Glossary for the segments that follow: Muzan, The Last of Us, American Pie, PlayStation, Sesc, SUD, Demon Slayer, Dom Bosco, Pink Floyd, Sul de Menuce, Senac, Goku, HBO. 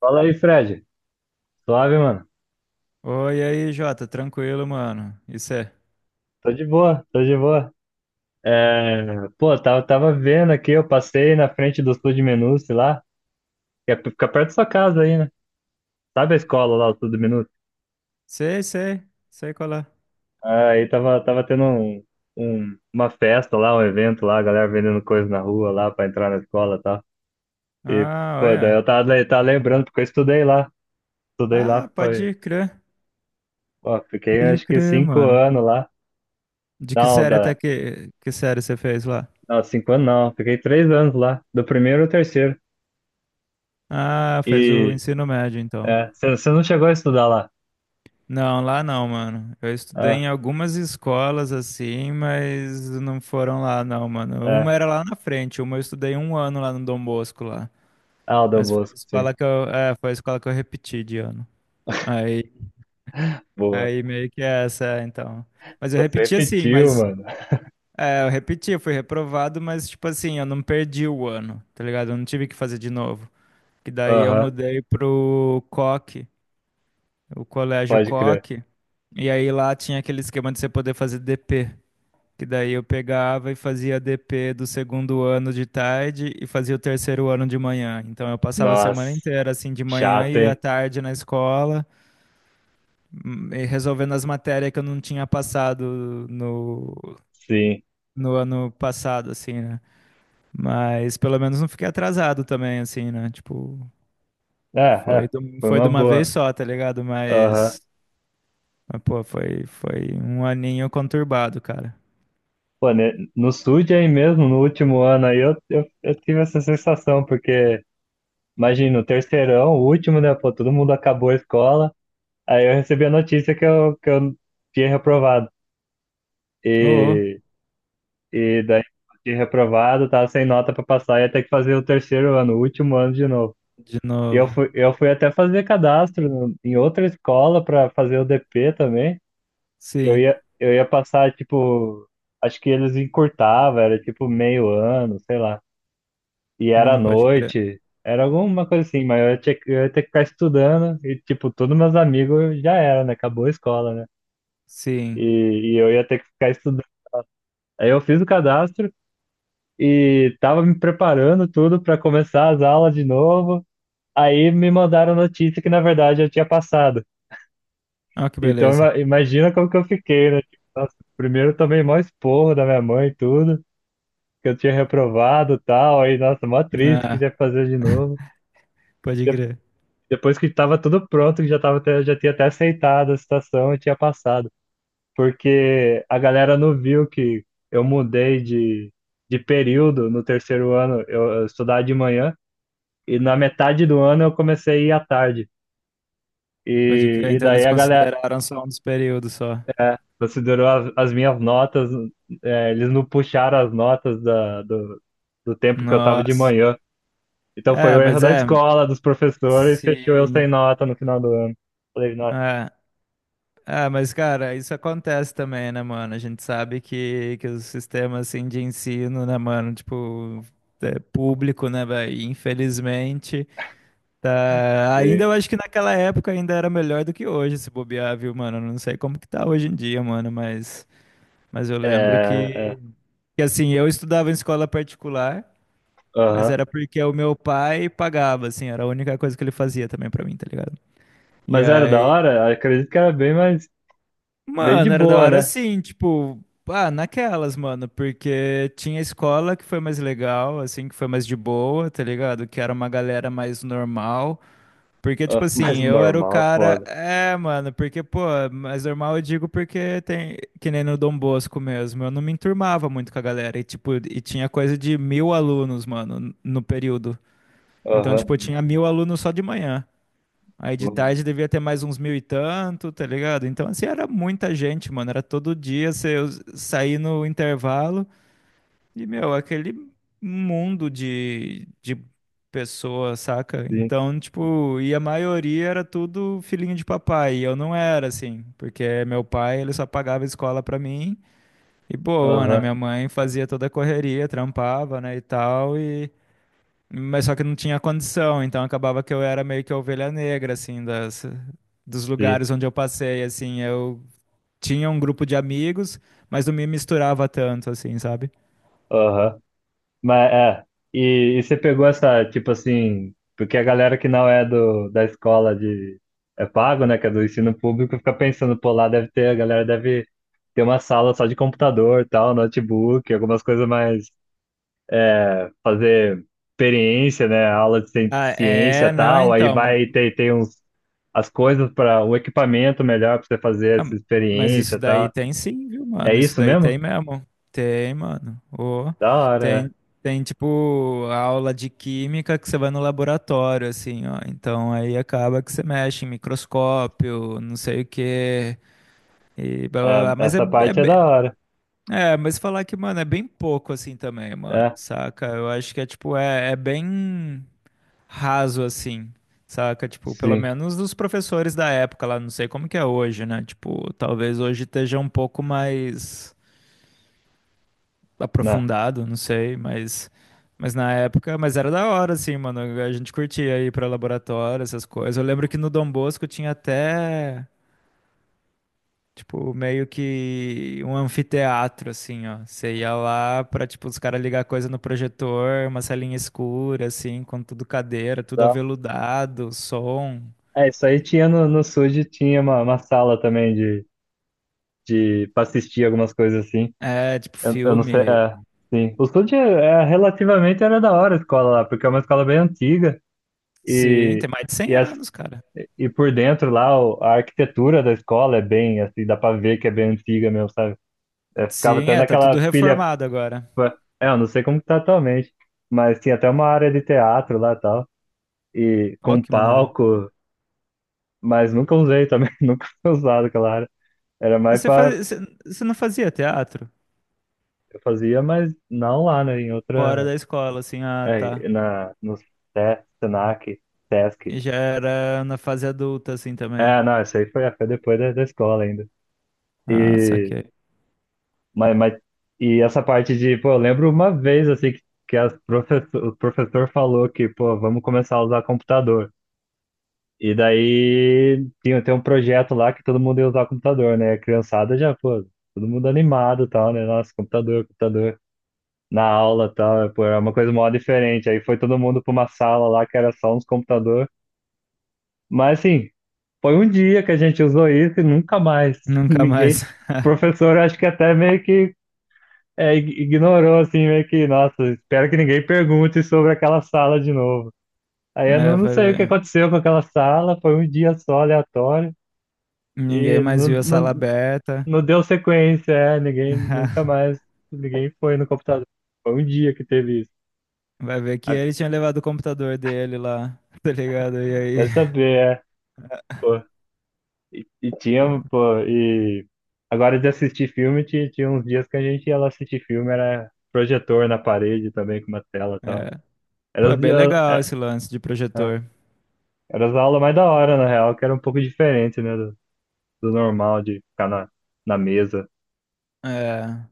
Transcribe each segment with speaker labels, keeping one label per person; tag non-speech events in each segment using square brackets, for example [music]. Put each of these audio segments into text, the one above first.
Speaker 1: Fala aí, Fred. Suave, mano.
Speaker 2: Oi, e aí, Jota, tranquilo, mano. Isso é.
Speaker 1: Tô de boa, tô de boa. É, pô, tava vendo aqui, eu passei na frente do Sul de Menuce lá, que é, fica perto da sua casa aí, né? Sabe a escola lá, o Sul de Menuce?
Speaker 2: Sei, sei, sei qual é.
Speaker 1: Aí tava tendo uma festa lá, um evento lá, a galera vendendo coisa na rua lá pra entrar na escola e tal. E,
Speaker 2: Ah,
Speaker 1: pô, daí
Speaker 2: olha.
Speaker 1: eu tava lembrando, porque eu estudei lá. Estudei lá,
Speaker 2: Ah,
Speaker 1: foi.
Speaker 2: pode crer.
Speaker 1: Ó, fiquei
Speaker 2: Pode
Speaker 1: acho que
Speaker 2: crer,
Speaker 1: cinco
Speaker 2: mano.
Speaker 1: anos lá.
Speaker 2: De que
Speaker 1: Não,
Speaker 2: série até que série você fez lá?
Speaker 1: não, 5 anos não. Fiquei 3 anos lá, do primeiro ao terceiro.
Speaker 2: Ah, fez o
Speaker 1: e
Speaker 2: ensino médio, então.
Speaker 1: É, você não chegou a estudar lá.
Speaker 2: Não, lá não, mano. Eu estudei
Speaker 1: É,
Speaker 2: em algumas escolas assim, mas não foram lá, não, mano. Uma
Speaker 1: é.
Speaker 2: era lá na frente, uma eu estudei um ano lá no Dom Bosco lá.
Speaker 1: Ah, o Dom
Speaker 2: Mas foi a
Speaker 1: Bosco, sim.
Speaker 2: escola que foi a escola que eu repeti de ano. Aí
Speaker 1: Boa.
Speaker 2: Aí meio que é então. Mas eu
Speaker 1: Você
Speaker 2: repeti assim,
Speaker 1: repetiu,
Speaker 2: mas.
Speaker 1: mano.
Speaker 2: É, eu repeti, eu fui reprovado, mas tipo assim, eu não perdi o ano, tá ligado? Eu não tive que fazer de novo. Que daí eu
Speaker 1: Aham,
Speaker 2: mudei pro Coque, o colégio
Speaker 1: pode crer.
Speaker 2: Coque. E aí lá tinha aquele esquema de você poder fazer DP. Que daí eu pegava e fazia DP do segundo ano de tarde e fazia o terceiro ano de manhã. Então eu passava a semana
Speaker 1: Nossa,
Speaker 2: inteira assim de manhã
Speaker 1: chato,
Speaker 2: e à
Speaker 1: hein?
Speaker 2: tarde na escola. Resolvendo as matérias que eu não tinha passado no,
Speaker 1: Sim.
Speaker 2: no ano passado, assim, né? Mas pelo menos não fiquei atrasado também, assim, né? Tipo,
Speaker 1: É, é, foi
Speaker 2: foi
Speaker 1: uma
Speaker 2: de uma vez
Speaker 1: boa.
Speaker 2: só, tá ligado?
Speaker 1: Aham.
Speaker 2: Mas pô, foi um aninho conturbado, cara.
Speaker 1: Pô, né, no SUD aí mesmo, no último ano aí, eu tive essa sensação, porque, imagina, o terceirão, o último, né? Pô, todo mundo acabou a escola. Aí eu recebi a notícia que eu tinha reprovado.
Speaker 2: Ô, ô,
Speaker 1: E E daí fiquei reprovado, tava sem nota pra passar, ia ter que fazer o terceiro ano, o último ano de novo.
Speaker 2: de
Speaker 1: E eu
Speaker 2: novo.
Speaker 1: fui, eu fui até fazer cadastro em outra escola pra fazer o DP também, que eu
Speaker 2: Sim.
Speaker 1: ia, eu ia passar, tipo, acho que eles encurtavam, era tipo meio ano, sei lá. E era à
Speaker 2: Pode crer.
Speaker 1: noite, era alguma coisa assim, mas eu ia ter que ficar estudando e, tipo, todos meus amigos já era, né? Acabou a escola, né?
Speaker 2: Sim.
Speaker 1: E eu ia ter que ficar estudando. Aí eu fiz o cadastro. E tava me preparando tudo para começar as aulas de novo. Aí me mandaram notícia que na verdade eu tinha passado.
Speaker 2: Ó, que
Speaker 1: Então
Speaker 2: beleza.
Speaker 1: imagina como que eu fiquei, né? Tipo, nossa, primeiro eu tomei mó esporro da minha mãe e tudo, que eu tinha reprovado e tal. Aí, nossa, mó triste que
Speaker 2: Ah,
Speaker 1: tinha que fazer de novo.
Speaker 2: pode
Speaker 1: De-
Speaker 2: crer.
Speaker 1: Depois que tava tudo pronto, que já já tinha até aceitado a situação e tinha passado. Porque a galera não viu que eu mudei de período no terceiro ano. Eu estudava de manhã. E na metade do ano eu comecei a ir à tarde. E,
Speaker 2: Pode crer.
Speaker 1: e
Speaker 2: Então
Speaker 1: daí
Speaker 2: eles
Speaker 1: a galera
Speaker 2: consideraram só um dos períodos só.
Speaker 1: é, considerou as minhas notas, é, eles não puxaram as notas do tempo que eu tava de
Speaker 2: Nossa.
Speaker 1: manhã. Então foi
Speaker 2: É,
Speaker 1: o erro
Speaker 2: mas
Speaker 1: da
Speaker 2: é.
Speaker 1: escola, dos professores, e fechou eu sem
Speaker 2: Sim.
Speaker 1: nota no final do ano. Falei, nossa,
Speaker 2: É, mas cara, isso acontece também, né, mano? A gente sabe que o sistema, assim, de ensino, né, mano, tipo, é público, né, velho? E, infelizmente, tá... Ainda
Speaker 1: sim.
Speaker 2: eu acho que naquela época ainda era melhor do que hoje, se bobear, viu, mano? Eu não sei como que tá hoje em dia, mano, mas eu
Speaker 1: É,
Speaker 2: lembro
Speaker 1: é,
Speaker 2: que, assim, eu estudava em escola particular, mas
Speaker 1: aham.
Speaker 2: era porque o meu pai pagava, assim, era a única coisa que ele fazia também pra mim, tá ligado? E
Speaker 1: Mas era da
Speaker 2: aí
Speaker 1: hora? Acredito que era bem mais, bem de
Speaker 2: mano, era da
Speaker 1: boa,
Speaker 2: hora
Speaker 1: né?
Speaker 2: assim, tipo, ah, naquelas, mano, porque tinha escola que foi mais legal, assim, que foi mais de boa, tá ligado? Que era uma galera mais normal. Porque, tipo
Speaker 1: Ah, [laughs] mas
Speaker 2: assim, eu era o
Speaker 1: normal,
Speaker 2: cara.
Speaker 1: foda.
Speaker 2: É, mano, porque, pô, mais normal eu digo porque tem. Que nem no Dom Bosco mesmo. Eu não me enturmava muito com a galera. E, tipo, e tinha coisa de mil alunos, mano, no período. Então, tipo, eu
Speaker 1: Aham,
Speaker 2: tinha mil alunos só de manhã. Aí de tarde devia ter mais uns mil e tanto, tá ligado? Então, assim, era muita gente, mano. Era todo dia você sair no intervalo e, meu, aquele mundo de pessoas, saca?
Speaker 1: sim,
Speaker 2: Então, tipo, e a maioria era tudo filhinho de papai. E eu não era, assim, porque meu pai, ele só pagava escola pra mim. E boa, né?
Speaker 1: aham,
Speaker 2: Minha mãe fazia toda a correria, trampava, né, e tal. E... Mas só que não tinha condição, então acabava que eu era meio que a ovelha negra, assim, dos
Speaker 1: sim,
Speaker 2: lugares onde eu passei, assim, eu tinha um grupo de amigos, mas não me misturava tanto, assim, sabe?
Speaker 1: aham. Mas é, e você pegou essa, tipo assim, porque a galera que não é da escola de, é pago, né, que é do ensino público, fica pensando, pô, lá deve ter, a galera deve ter uma sala só de computador, tal, notebook, algumas coisas mais, fazer experiência, né, aula de
Speaker 2: Ah,
Speaker 1: ciência,
Speaker 2: é, não,
Speaker 1: tal, aí
Speaker 2: então.
Speaker 1: vai ter, tem uns, as coisas para, o equipamento melhor para você fazer
Speaker 2: Ah,
Speaker 1: essa
Speaker 2: mas isso
Speaker 1: experiência,
Speaker 2: daí
Speaker 1: tal.
Speaker 2: tem sim, viu,
Speaker 1: É
Speaker 2: mano? Isso
Speaker 1: isso
Speaker 2: daí
Speaker 1: mesmo?
Speaker 2: tem mesmo. Tem, mano. Ô,
Speaker 1: Da hora,
Speaker 2: tem, tem, tipo, aula de química que você vai no laboratório, assim, ó. Então aí acaba que você mexe em microscópio, não sei o quê. E blá, blá,
Speaker 1: é.
Speaker 2: blá.
Speaker 1: É, essa parte é da hora,
Speaker 2: É, mas falar que, mano, é bem pouco assim também, mano,
Speaker 1: é,
Speaker 2: saca? Eu acho que é tipo, é bem raso assim, saca? Tipo, pelo
Speaker 1: sim,
Speaker 2: menos dos professores da época lá, não sei como que é hoje, né? Tipo, talvez hoje esteja um pouco mais
Speaker 1: né.
Speaker 2: aprofundado, não sei, mas na época, mas era da hora assim, mano. A gente curtia ir pra laboratório, essas coisas. Eu lembro que no Dom Bosco tinha até. Tipo, meio que um anfiteatro, assim, ó. Você ia lá pra, tipo, os caras ligar coisa no projetor, uma salinha escura, assim, com tudo cadeira, tudo aveludado, som.
Speaker 1: É, isso aí tinha no SUD, tinha uma sala também de para assistir algumas coisas assim.
Speaker 2: É, tipo,
Speaker 1: Eu não sei,
Speaker 2: filme.
Speaker 1: é, sim. O SUD é, relativamente era da hora a escola lá, porque é uma escola bem antiga
Speaker 2: Sim, tem
Speaker 1: e,
Speaker 2: mais de
Speaker 1: e,
Speaker 2: 100
Speaker 1: as,
Speaker 2: anos, cara.
Speaker 1: e por dentro lá a arquitetura da escola é bem, assim, dá para ver que é bem antiga mesmo, sabe? É, ficava
Speaker 2: Sim,
Speaker 1: até
Speaker 2: é, tá
Speaker 1: naquela
Speaker 2: tudo
Speaker 1: pilha,
Speaker 2: reformado agora.
Speaker 1: é, eu não sei como que tá atualmente, mas tinha até uma área de teatro lá e tal, e
Speaker 2: Ó,
Speaker 1: com
Speaker 2: que maneiro.
Speaker 1: palco, mas nunca usei também, [laughs] nunca foi usado aquela área. Era
Speaker 2: Mas
Speaker 1: mais para.
Speaker 2: Você não fazia teatro?
Speaker 1: Eu fazia, mas não lá, né? Em
Speaker 2: Fora
Speaker 1: outra.
Speaker 2: da escola, assim, ah, tá.
Speaker 1: É, na, no Senac, Sesc.
Speaker 2: E já era na fase adulta, assim, também.
Speaker 1: É, não, isso aí foi depois da escola ainda.
Speaker 2: Ah,
Speaker 1: E,
Speaker 2: saquei.
Speaker 1: mas, e essa parte de, pô, eu lembro uma vez, assim, o professor falou que, pô, vamos começar a usar computador. E daí tinha, tem um projeto lá que todo mundo ia usar computador, né? A criançada já, pô, todo mundo animado e tal, né? Nossa, computador, computador. Na aula e tal, é, pô, era uma coisa mó diferente. Aí foi todo mundo para uma sala lá que era só uns computador. Mas assim, foi um dia que a gente usou isso e nunca mais. [laughs]
Speaker 2: Nunca
Speaker 1: Ninguém. O
Speaker 2: mais. [laughs]
Speaker 1: professor eu acho que até meio que é, ignorou, assim, meio que, nossa, espero que ninguém pergunte sobre aquela sala de novo. Aí eu
Speaker 2: É,
Speaker 1: não
Speaker 2: vai
Speaker 1: sei o que
Speaker 2: ver.
Speaker 1: aconteceu com aquela sala, foi um dia só aleatório
Speaker 2: Ninguém
Speaker 1: e
Speaker 2: mais
Speaker 1: não,
Speaker 2: viu a
Speaker 1: não,
Speaker 2: sala aberta.
Speaker 1: não deu sequência, é, ninguém, nunca
Speaker 2: [laughs]
Speaker 1: mais, ninguém foi no computador. Foi um dia que teve isso.
Speaker 2: Vai ver que
Speaker 1: Ah,
Speaker 2: ele tinha levado o computador dele lá, [laughs] tá ligado? E aí,
Speaker 1: vai saber, é. E
Speaker 2: [laughs] pô,
Speaker 1: tinha, pô, e agora de assistir filme, tinha uns dias que a gente ia lá assistir filme, era projetor na parede também, com uma tela e tal.
Speaker 2: é,
Speaker 1: Era
Speaker 2: é
Speaker 1: os
Speaker 2: bem
Speaker 1: dias,
Speaker 2: legal
Speaker 1: é,
Speaker 2: esse lance de
Speaker 1: é,
Speaker 2: projetor.
Speaker 1: era as aulas mais da hora, na real, que era um pouco diferente, né, do normal, de ficar na mesa.
Speaker 2: É,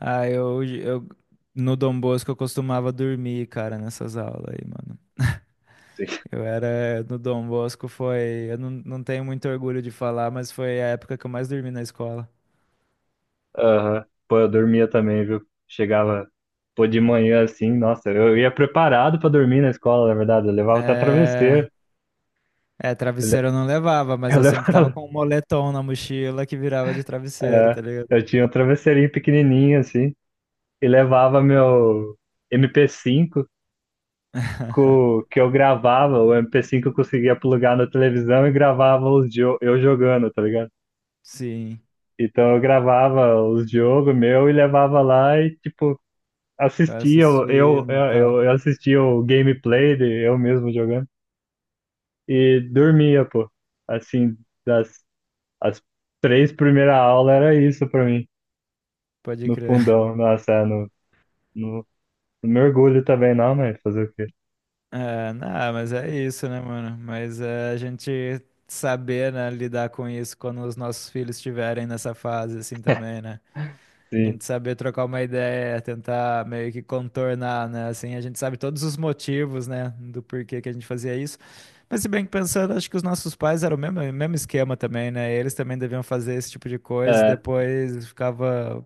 Speaker 2: ah, eu no Dom Bosco eu costumava dormir, cara, nessas aulas aí, mano.
Speaker 1: Assim.
Speaker 2: Eu era no Dom Bosco foi, eu não, não tenho muito orgulho de falar, mas foi a época que eu mais dormi na escola.
Speaker 1: [laughs] Aham. Pô, eu dormia também, viu? Chegava, pô, de manhã assim, nossa, eu ia preparado pra dormir na escola, na verdade, eu levava até
Speaker 2: É,
Speaker 1: travesseiro. Eu, le-
Speaker 2: travesseiro eu não levava,
Speaker 1: [laughs]
Speaker 2: mas
Speaker 1: eu
Speaker 2: eu sempre tava
Speaker 1: levava,
Speaker 2: com um moletom na mochila que virava de travesseiro,
Speaker 1: é,
Speaker 2: tá ligado?
Speaker 1: eu tinha um travesseirinho pequenininho, assim. E levava meu MP5 que eu gravava, o MP5 eu conseguia plugar na televisão e gravava os eu jogando, tá ligado?
Speaker 2: Sim,
Speaker 1: Então eu gravava os jogos meu e levava lá e tipo
Speaker 2: eu
Speaker 1: assistia, eu
Speaker 2: assisti
Speaker 1: eu,
Speaker 2: no tal,
Speaker 1: eu eu assistia o gameplay de eu mesmo jogando e dormia, pô. Assim, das as três primeiras aulas era isso pra mim,
Speaker 2: pode
Speaker 1: no
Speaker 2: crer. [laughs]
Speaker 1: fundão, nossa, é, no, não mergulho também não, mas fazer o quê?
Speaker 2: É, não, mas é isso, né, mano? Mas é a gente saber, né, lidar com isso quando os nossos filhos estiverem nessa fase, assim, também, né? A
Speaker 1: Sim.
Speaker 2: gente saber trocar uma ideia, tentar meio que contornar, né? Assim, a gente sabe todos os motivos, né, do porquê que a gente fazia isso. Mas se bem que pensando, acho que os nossos pais eram o mesmo, mesmo esquema também, né? Eles também deviam fazer esse tipo de coisa e
Speaker 1: É,
Speaker 2: depois ficava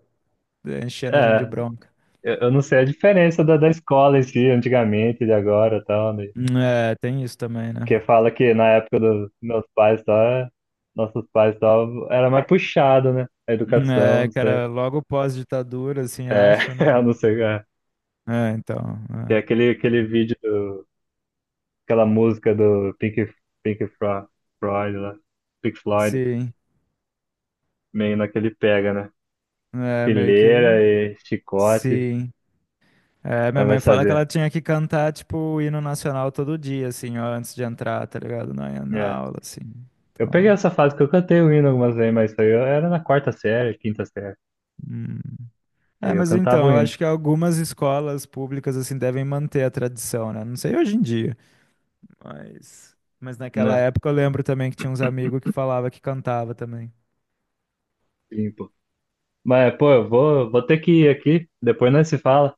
Speaker 2: enchendo a gente de
Speaker 1: é.
Speaker 2: bronca.
Speaker 1: Eu não sei a diferença da escola em si, antigamente, de agora e tal, né?
Speaker 2: É, tem isso também, né?
Speaker 1: Porque fala que na época dos meus pais, tal, é- nossos pais, tal, era mais puxado, né? A educação,
Speaker 2: É,
Speaker 1: não sei.
Speaker 2: cara, logo pós-ditadura, assim,
Speaker 1: É,
Speaker 2: acho, né?
Speaker 1: [laughs] eu não sei. É.
Speaker 2: É, então,
Speaker 1: Tem
Speaker 2: é.
Speaker 1: aquele vídeo, aquela música do Pink Floyd, lá, Pink Floyd,
Speaker 2: Sim,
Speaker 1: meio naquele pega, né?
Speaker 2: é meio que,
Speaker 1: Fileira e chicote,
Speaker 2: sim. É, minha
Speaker 1: mas vai
Speaker 2: mãe fala que ela
Speaker 1: saber.
Speaker 2: tinha que cantar, tipo, o hino nacional todo dia, assim, ó, antes de entrar, tá ligado? Na
Speaker 1: É.
Speaker 2: aula, assim.
Speaker 1: Eu
Speaker 2: Então,
Speaker 1: peguei essa fase que eu cantei o hino algumas vezes, mas isso aí eu era na quarta série, quinta série.
Speaker 2: hum.
Speaker 1: Aí
Speaker 2: É,
Speaker 1: eu
Speaker 2: mas
Speaker 1: cantava
Speaker 2: então,
Speaker 1: o
Speaker 2: eu
Speaker 1: hino.
Speaker 2: acho que algumas escolas públicas, assim, devem manter a tradição, né? Não sei hoje em dia, mas... Mas naquela
Speaker 1: Né?
Speaker 2: época eu lembro também que tinha uns amigos que falava que cantava também.
Speaker 1: Sim, pô. Mas, pô, eu vou ter que ir aqui, depois nós se fala.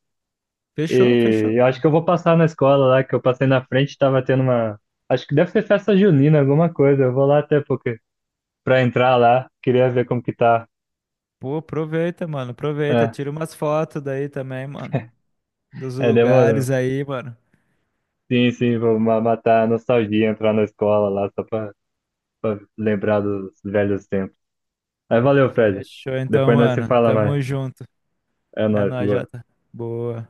Speaker 2: Fechou, fechou.
Speaker 1: E eu acho que eu vou passar na escola lá, que eu passei na frente, tava tendo uma. Acho que deve ser festa junina, alguma coisa. Eu vou lá até porque pra entrar lá, queria ver como que tá.
Speaker 2: Pô, aproveita, mano. Aproveita.
Speaker 1: É,
Speaker 2: Tira umas fotos daí também, mano. Dos
Speaker 1: é, demorou.
Speaker 2: lugares aí, mano.
Speaker 1: Sim, sim, vou matar a nostalgia, entrar na escola lá, só pra lembrar dos velhos tempos. Mas valeu, Fred.
Speaker 2: Fechou então,
Speaker 1: Depois nós se
Speaker 2: mano.
Speaker 1: fala mais.
Speaker 2: Tamo junto.
Speaker 1: É
Speaker 2: É
Speaker 1: nóis,
Speaker 2: nóis,
Speaker 1: boa.
Speaker 2: Jota. Boa.